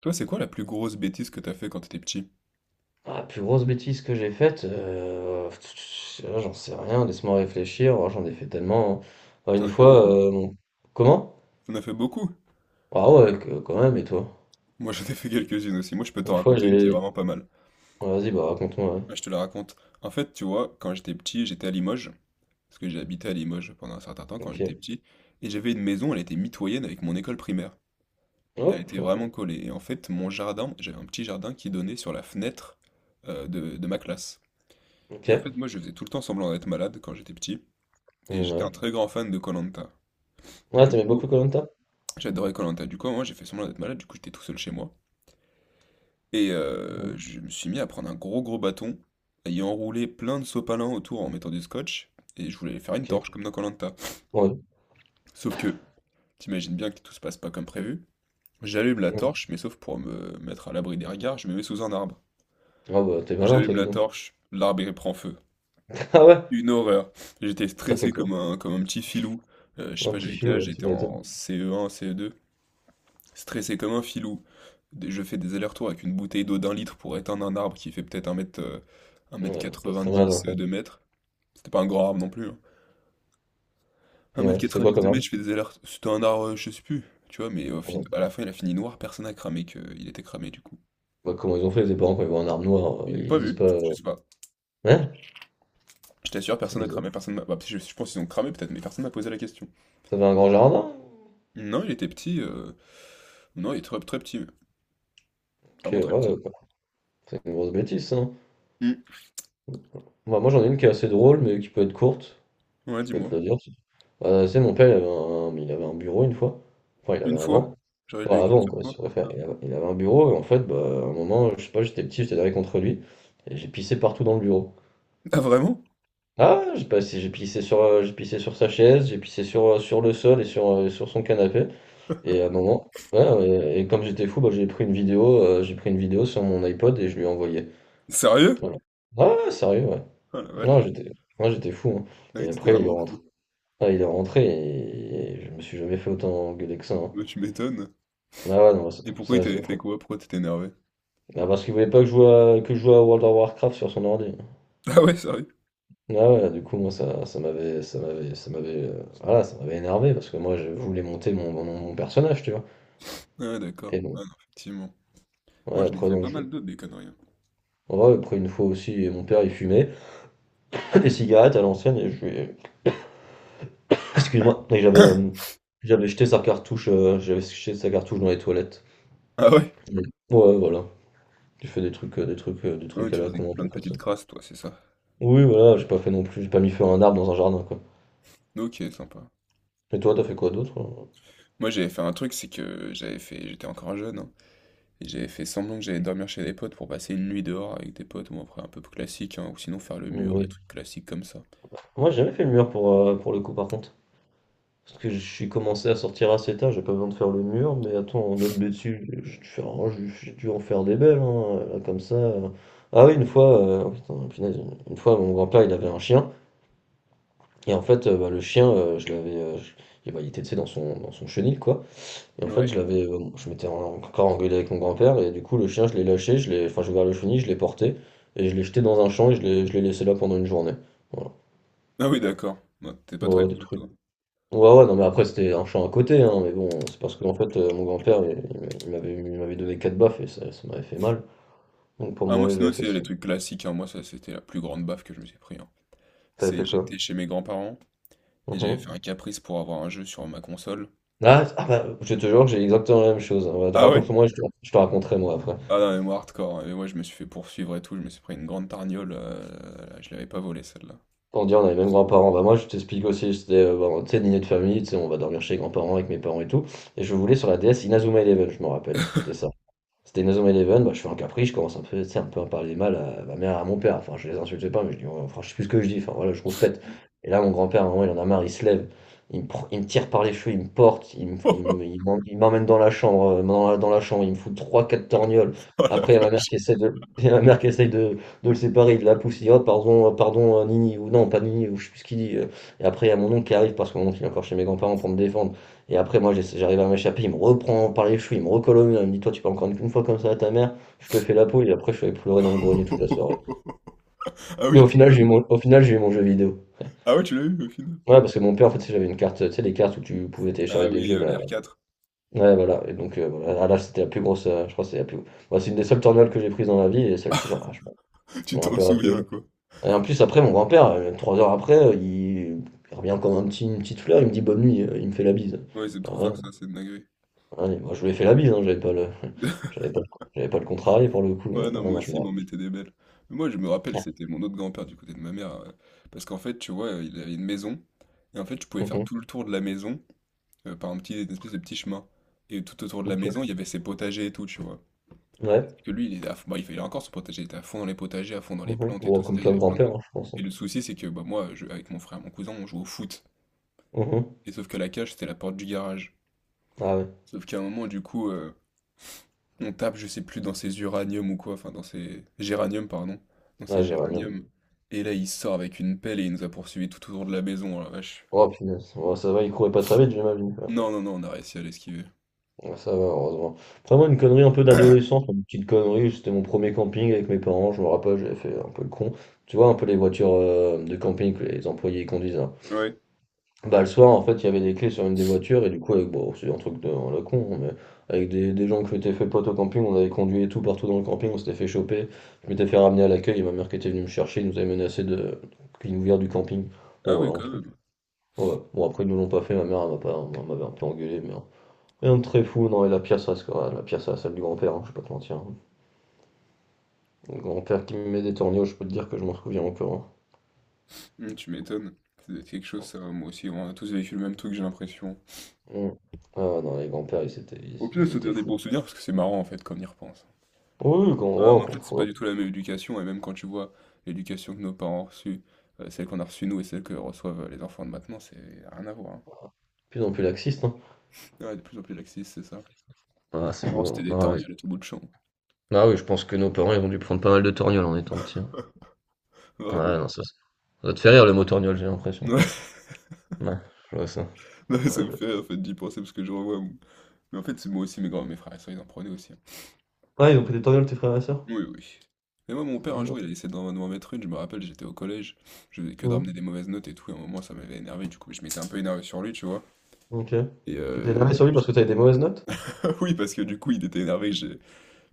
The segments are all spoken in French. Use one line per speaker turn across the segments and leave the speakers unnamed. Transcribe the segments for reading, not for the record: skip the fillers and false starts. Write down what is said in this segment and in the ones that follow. Toi, c'est quoi la plus grosse bêtise que t'as fait quand t'étais petit?
Ah, plus grosse bêtise que j'ai faite, là, j'en sais rien, laisse-moi réfléchir. Oh, j'en ai fait tellement, hein. Bah,
T'en
une
as fait
fois,
beaucoup?
mon comment?
T'en as fait beaucoup?
Ah ouais, que quand même, et toi?
Moi, j'en ai fait quelques-unes aussi. Moi, je peux t'en
Une fois,
raconter une qui est
j'ai
vraiment pas mal.
Ouais, vas-y, bah, raconte-moi, ouais.
Bah, je te la raconte. En fait, tu vois, quand j'étais petit, j'étais à Limoges, parce que j'ai habité à Limoges pendant un certain temps quand j'étais
OK.
petit, et j'avais une maison, elle était mitoyenne avec mon école primaire. Elle
Ouais,
était vraiment collée. Et en fait, mon jardin, j'avais un petit jardin qui donnait sur la fenêtre de ma classe. Et en
OK.
fait, moi, je faisais tout le temps semblant d'être malade quand j'étais petit, et
Mmh,
j'étais un
ouais.
très grand fan de koh.
Ouais,
Du
tu
coup,
beaucoup koh.
j'adorais koh Lanta. Du coup, moi, j'ai fait semblant d'être malade. Du coup, j'étais tout seul chez moi. Et
Mmh.
je me suis mis à prendre un gros gros bâton, à y enrouler plein de sopalins autour en mettant du scotch. Et je voulais faire une
OK.
torche comme dans koh Lanta.
Ouais.
Sauf que, t'imagines bien que tout se passe pas comme prévu. J'allume la
Mmh.
torche, mais sauf pour me mettre à l'abri des regards, je me mets sous un arbre.
Ah bah, t'es malin, toi,
J'allume
dis
la
donc.
torche, l'arbre il prend feu.
Ah ouais?
Une horreur. J'étais
T'as fait
stressé
quoi?
comme un petit filou. Je sais
Un
pas,
petit
j'avais
fût,
quel âge,
ouais, tu
j'étais
m'étonnes.
en CE1, CE2. Stressé comme un filou, je fais des allers-retours avec une bouteille d'eau d'un litre pour éteindre un arbre qui fait peut-être un mètre,
Ouais, pas très mal, en
1m90,
fait.
2 mètres. C'était pas un grand arbre non plus, hein. un mètre
Ouais, c'était quoi
quatre-vingt-dix
comme
2
arme?
mètres, je fais des allers-retours. C'était un arbre, je sais plus, tu vois, mais
Ouais.
à la fin, il a fini noir, personne n'a cramé qu'il était cramé du coup.
Bah, comment ils ont fait, les parents, quand ils voient un arme noire,
Ils n'ont
ils se
pas
disent
vu,
pas,
je
heu,
sais pas.
hein?
Je t'assure,
C'est
personne n'a
bizarre.
cramé, personne m'a... bah, je pense qu'ils ont cramé peut-être, mais personne m'a posé la question.
T'avais un grand jardin?
Non, il était petit, non, il est très, très petit,
Ok,
vraiment
ouais,
très petit.
ouais, quoi. C'est une grosse bêtise, ça, hein.
Hmm.
Moi, j'en ai une qui est assez drôle, mais qui peut être courte.
Ouais,
Je peux te
dis-moi.
la dire si tu- Bah, tu sais, mon père, il avait un bureau une fois. Enfin, il avait
Une
un
fois?
vent.
J'aurais eu
Enfin,
une
avant,
seule
quoi, si
fois.
tu préfères.
Ah.
Il avait un bureau, et en fait, bah, à un moment, je sais pas, j'étais petit, j'étais derrière contre lui, et j'ai pissé partout dans le bureau.
Ah, vraiment?
Ah, j'ai passé, j'ai pissé sur sa chaise, j'ai pissé sur, sur le sol et sur, sur son canapé. Et à un moment, ouais, ouais, et, comme j'étais fou, bah, j'ai pris une vidéo, j'ai pris une vidéo sur mon iPod et je lui ai envoyé.
Sérieux?
Ouais, ouais, sérieux, ouais.
Ah la
Non,
vache.
j'étais, moi j'étais fou, hein.
Ah oui,
Et
t'étais
après, il est
vraiment.
rentré. Ah, il est rentré et je me suis jamais fait autant engueuler que ça, hein.
Bah, tu m'étonnes.
Ah ouais, non, ça,
Et pourquoi il
ça, j'ai
t'avait
après.
fait quoi? Pourquoi t'étais énervé?
Ah, parce qu'il voulait pas que que je joue à World of Warcraft sur son ordi.
Ah ouais, sérieux?
Ah ouais, du coup, moi, ça m'avait, voilà, ça m'avait énervé parce que moi, je voulais monter mon personnage, tu vois.
Ah ouais, d'accord.
Et
Ah
non,
non, effectivement.
ouais,
Moi, j'en ai
après,
fait
non
pas
je.
mal d'autres, des conneries, hein.
Ouais, après, une fois aussi, mon père, il fumait des cigarettes à l'ancienne et je lui ai, Ah, excuse-moi, mais j'avais j'avais jeté sa cartouche, j'avais jeté sa cartouche dans les toilettes.
Ah ouais?
Mm. Ouais, voilà. J'ai fait des trucs, des
Ah ouais,
trucs à
tu
la
faisais
con, un
plein
peu
de
comme ça.
petites crasses, toi, c'est ça.
Oui, voilà, j'ai pas fait non plus, j'ai pas mis feu à un arbre dans un jardin, quoi.
Ok, sympa.
Et toi, t'as fait quoi d'autre, euh?
Moi, j'avais fait un truc, c'est que j'avais fait. J'étais encore jeune, hein, et j'avais fait semblant que j'allais dormir chez des potes pour passer une nuit dehors avec des potes, ou après un peu classique, hein, ou sinon faire le mur, des
Oui.
trucs classiques comme ça.
Moi, j'ai jamais fait le mur pour le coup, par contre. Parce que je suis commencé à sortir assez tard, j'ai pas besoin de faire le mur, mais attends, en autre bêtise, j'ai dû faire- oh, j'ai dû en faire des belles, hein, là, comme ça, euh. Ah oui, une fois, oh, putain, punaise, une fois, mon grand-père, il avait un chien. Et en fait, bah, le chien, je l'avais, j, et bah, il était, tu sais, dans son chenil, quoi, et en fait,
Ouais.
je l'avais, je m'étais en encore engueulé avec mon grand-père et du coup, le chien, je l'ai lâché, je l'ai, enfin, j'ai ouvert le chenil, je l'ai porté et je l'ai jeté dans un champ et je l'ai laissé là pendant une journée. Voilà.
Ah oui, d'accord. Non, t'es pas
Ouais,
très
ouais, des
cool,
trucs,
toi.
ouais, ouais, non, mais après, c'était un champ à côté, hein, mais bon, c'est parce que en fait, mon grand-père, il m'avait, il m'avait donné 4 baffes et ça m'avait fait mal donc pour
Ah, moi,
mourir,
sinon,
j'avais fait
tu les
ça.
trucs classiques, hein, moi, ça, c'était la plus grande baffe que je me suis pris, hein.
T'avais
C'est,
fait
j'étais
quoi?
chez mes grands-parents et j'avais fait
Mmh.
un caprice pour avoir un jeu sur ma console.
Ah ah bah, je te jure, que j'ai exactement la même chose. Ouais,
Ah ouais?
raconte-moi, je te raconterai moi après.
Ah non, mais moi hardcore, hein. Et moi, je me suis fait poursuivre et tout. Je me suis pris une grande tarniole, là, je l'avais pas volée celle-là.
On dit on a les mêmes grands-parents. Bah moi je t'explique aussi, c'était bon, tu sais, dîner de famille, tu sais, on va dormir chez les grands-parents avec mes parents et tout. Et je voulais sur la DS Inazuma Eleven, je me rappelle. C'était ça. C'était Inazuma Eleven, bah, je fais un caprice, je commence un peu, tu sais, un peu à parler mal à ma mère et à mon père. Enfin, je les insultais pas, mais je dis, oh, enfin, je sais plus ce que je dis, enfin voilà, je rouspète. Et là, mon grand-père, à un moment, il en a marre, il se lève, il me, pr- il me tire par les cheveux, il me porte, il me- il me-
Oh.
il m'en- il m'emmène dans la chambre, il me fout 3, 4 torgnoles.
Oh la
Après, il y a ma mère
vache.
qui essaie de, il y a ma mère qui essaie de le séparer, il la pousse, il dit, oh, pardon, pardon, Nini, ou non, pas Nini, ou je sais plus ce qu'il dit, euh. Et après, il y a mon oncle qui arrive, parce que mon oncle, il est encore chez mes grands-parents pour me défendre. Et après, moi, j'essa- j'arrive à m'échapper, il me reprend par les cheveux, il me recolle au mur, il me dit, toi, tu peux encore une fois comme ça à ta mère, je te fais la peau, et après, je suis allé pleurer dans le grenier toute la soirée.
Ah
Mais
oui,
au
quand
final, j'ai eu
même.
mon, au final, j'ai eu mon jeu vidéo.
Ah ouais, tu l'as eu au final?
Ouais, parce que mon père, en fait, tu sais, j'avais une carte, tu sais, les cartes où tu pouvais
Ah
télécharger des
oui,
jeux,
la
là.
r 4.
Ouais, voilà. Et donc, voilà. Ah, là, c'était la plus grosse, je crois, que c'est la plus. Moi, c'est une des seules tornades que j'ai prises dans ma vie, et celle-ci, genre, ah, je
Tu
m'en
t'en
rappellerai tous les
souviens,
jours.
quoi.
Et en plus, après, mon grand-père, 3 heures après, il revient comme un petit, une petite fleur, il me dit bonne nuit, il me fait la bise.
Ouais, ils aiment trop faire
Alors,
ça, c'est une dinguerie.
ouais, moi, je lui ai fait la bise, hein, j'avais pas le j'avais pas le, j'avais pas le contrarié pour le coup,
Ouais,
mais ah
non, moi
non, je
aussi,
me
ils
rappelle.
m'en mettaient des belles. Mais moi, je me rappelle,
Ah.
c'était mon autre grand-père du côté de ma mère, parce qu'en fait, tu vois, il avait une maison. Et en fait, tu pouvais faire
Mhm,
tout le tour de la maison, par un petit, une espèce de petit chemin. Et tout autour de la
OK.
maison, il y avait ses potagers et tout, tu vois.
Ouais.
Parce que lui, il est à fond- bah, il a encore son potager, il était à fond dans les potagers, à fond dans les
Mhm.
plantes et
Bon,
tout,
comme
c'est-à-dire, il y
plein de
avait plein de plantes.
grimpeurs, hein, je pense,
Et
hein.
le souci, c'est que bah, avec mon frère et mon cousin, on joue au foot.
Mhm.
Et sauf que la cage, c'était la porte du garage.
Ah ouais.
Sauf qu'à un moment, du coup, on tape, je sais plus, dans ses uraniums ou quoi, enfin, dans ses géraniums, pardon. Dans ses
Ah j'aurais bien.
géraniums. Et là, il sort avec une pelle et il nous a poursuivis tout autour de la maison, oh la vache.
Oh punaise. Ouais, ça va, il courait pas très vite, j'imagine, quoi.
Non, non, non, on a réussi à l'esquiver.
Ouais, ça va, heureusement. Après, moi, une connerie un peu d'adolescence, une petite connerie, c'était mon premier camping avec mes parents, je me rappelle, j'avais fait un peu le con. Tu vois, un peu les voitures de camping que les employés conduisent, hein.
Ouais.
Bah, le soir, en fait, il y avait des clés sur une des voitures, et du coup, avec, bon, c'est un truc de à la con, hein, mais avec des gens que j'étais fait pote au camping, on avait conduit et tout partout dans le camping, on s'était fait choper. Je m'étais fait ramener à l'accueil, et ma mère qui était venue me chercher, ils nous avait menacé de qu'ils nous virent du camping. Bon,
Ah oui,
voilà, un
quand
truc.
même.
Ouais. Bon, après, ils nous l'ont pas fait, ma mère, elle m'a pas, elle m'avait un peu engueulé, mais, hein. Rien de très fou, non, et la pièce reste, quoi la pièce à la salle du grand-père, hein, je vais pas te mentir, hein. Le grand-père qui me met des tornios, je peux te dire que je m'en souviens encore,
Mmh, tu m'étonnes. Ça doit être quelque chose, ça. Moi aussi, on a tous vécu le même truc, j'ai l'impression.
hein. Mm. Ah, non, les grands-pères, ils étaient,
Au
ils,
pire,
ils
ça
étaient
devient des
fous.
bons souvenirs parce que c'est marrant en fait quand on y repense.
Oui,
Ah, mais en fait, c'est
quand-
pas
ouais, de
du tout la même éducation, et même quand tu vois l'éducation que nos parents ont reçue, celle qu'on a reçue nous et celle que reçoivent les enfants de maintenant, c'est rien à voir, hein.
plus en plus laxiste.
Ouais, de plus en plus laxiste, c'est ça.
Ah, c'est
Avant, c'était
beau.
des
Ah oui.
torgnoles à tout bout de champ.
Ah oui, je pense que nos parents, ils ont dû prendre pas mal de torgnoles en étant petits, hein.
Vraiment.
Ouais, non, ça doit te faire rire le mot torgnole, j'ai l'impression.
Ouais,
Ouais, je vois ça.
non, ça
Ouais.
me fait rire en fait d'y penser parce que je revois mon... Mais en fait, c'est moi aussi, mes grands, mes frères et sœurs, ils en prenaient aussi, hein.
Ouais, ils ont pris des torgnoles, tes frères et sœurs?
Oui, oui. Mais moi, mon père, un
Mhm.
jour, il a essayé de m'en mettre une. Je me rappelle, j'étais au collège. Je faisais que de
Mhm.
ramener des mauvaises notes et tout. Et à un moment, ça m'avait énervé. Du coup, je m'étais un peu énervé sur lui, tu vois.
Ok.
Et
Tu t'es énervé sur lui parce que t'avais des mauvaises notes?
ah oui, parce que du coup, il était énervé.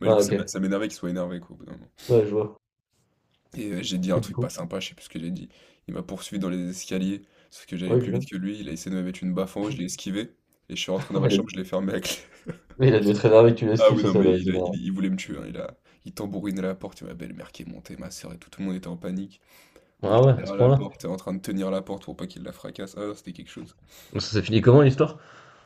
Bah, du coup,
Ah, ok.
ça m'énervait qu'il soit énervé, quoi, au bout d'un moment.
Ouais, je vois.
Et j'ai dit un
Et du
truc
coup?
pas sympa, je sais plus ce que j'ai dit. Il m'a poursuivi dans les escaliers. Sauf que j'allais
Oui,
plus
putain.
vite que lui. Il a essayé de me mettre une baffe en haut. Je l'ai esquivé. Et je suis rentré dans
Il
ma chambre,
a,
je l'ai fermé à clé.
mais il a dû être énervé que tu
Ah
l'esquives,
oui,
ça,
non,
ça
mais
doit les énerver.
il voulait me tuer, hein. Il tambourinait la porte. Il m'a belle-mère qui est montée, ma soeur et tout. Tout le monde était en panique. Moi,
Ah
j'étais
ouais, à ce
derrière la
point-là.
porte, en train de tenir la porte pour pas qu'il la fracasse. Ah, c'était quelque chose.
Donc ça s'est fini comment l'histoire?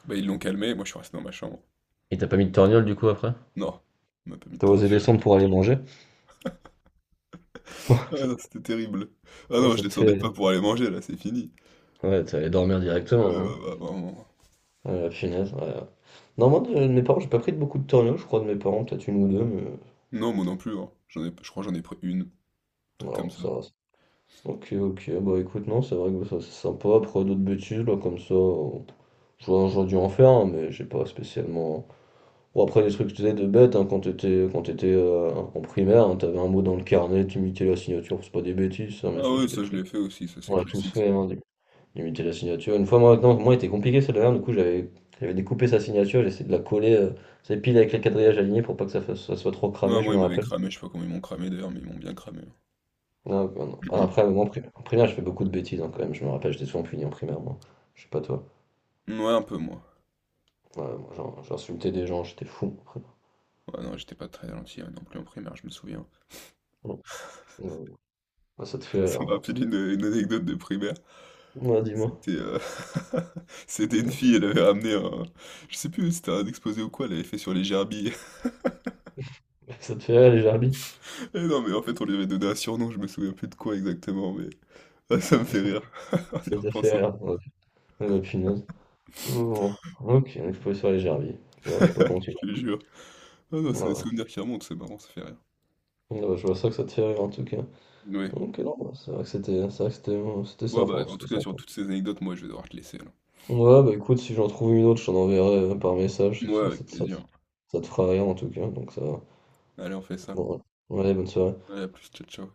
Bah, ils l'ont calmé, moi, je suis resté dans ma chambre.
Il t'a pas mis de torgnole du coup après?
Non, on m'a pas mis de
T'as
temps.
osé descendre pour aller manger? Bon,
Ah
ça,
non, c'était terrible. Ah
ah,
non,
ça
je
te
descendais
fait.
pas pour aller manger, là, c'est fini.
Ouais, t'es allé dormir directement, là, hein.
Bah, vraiment.
Ah la punaise, ouais, ouais. Non, moi, de mes parents, j'ai pas pris de beaucoup de tornados, je crois, de mes parents, peut-être une ou deux, mais
Non, moi non plus, hein. J'en ai, je crois que j'en ai pris une, un truc comme
non,
ça.
ça va. Ok, ok, bah écoute, non, c'est vrai que bah, ça, c'est sympa. Après, d'autres bêtises, là, comme ça, j'aurais dû en faire, hein, mais j'ai pas spécialement... Bon, après, des trucs, que tu sais, de bêtes, hein, quand t'étais en primaire, hein, t'avais un mot dans le carnet, t'imitais la signature, c'est pas des bêtises, ça, mais
Ah
ça,
oui,
c'est des
ça, je
trucs...
l'ai fait aussi, ça, c'est
On l'a tous
classique, ça.
fait, hein, limiter la signature. Une fois, moi, non, moi, était compliqué celle dernière, du coup, j'avais découpé sa signature, j'essayais de la coller, c'est pile avec les quadrillages alignés pour pas que ça, fasse- ça soit trop
Non,
cramé, je
moi,
me
ils m'avaient
rappelle.
cramé, je sais pas comment ils m'ont cramé, d'ailleurs, mais ils m'ont bien cramé, hein.
Non, non, non. Ah, après, moi, en pri- en primaire, je fais beaucoup de bêtises hein, quand même, je me rappelle, j'étais souvent puni en primaire, moi. Je sais pas toi.
Ouais, un peu, moi.
Ouais, moi, j'en- j'insultais des gens, j'étais fou en primaire.
Ouais, non, j'étais pas très gentil hein, non plus en primaire, je me souviens.
Non, non, ah, ça te fait
Ça
rire,
me
hein.
rappelle une anecdote de primaire.
Ouais, dis-moi.
C'était c'était une
Non, ça,
fille, elle avait ramené un... Je sais plus, c'était un exposé ou quoi, elle avait fait sur les gerbilles.
ça te fait rire, les gerbilles?
Et non, mais en fait, on lui avait donné un surnom, je me souviens plus de quoi exactement, mais... Ah, ça me fait rire, en y
Ça te fait
repensant.
rire. Ok. Ouais. Ah, bah, punaise. Oh, ok, il faut sur les gerbilles. Ouais, je sais pas comment tu l'as.
Je te jure. Ah non, c'est des
Voilà.
souvenirs qui remontent, c'est marrant, ça fait rire.
Ouais, je vois ça que ça te fait rire en tout cas.
Ouais.
Ok, non, bah, c'est vrai que c'était, c'est vrai que c'était c'était
Ouais, bah,
sympa,
en tout
c'était
cas, sur
sympa.
toutes ces anecdotes, moi, je vais devoir te laisser, là.
Ouais, bah écoute, si j'en trouve une autre, je t'en enverrai par message,
Ouais,
si ça,
avec
te ça-
plaisir.
ça te fera rien en tout cas, donc ça va.
Allez, on fait ça.
Bon, ouais. Ouais, bonne soirée.
Allez, à plus, ciao, ciao.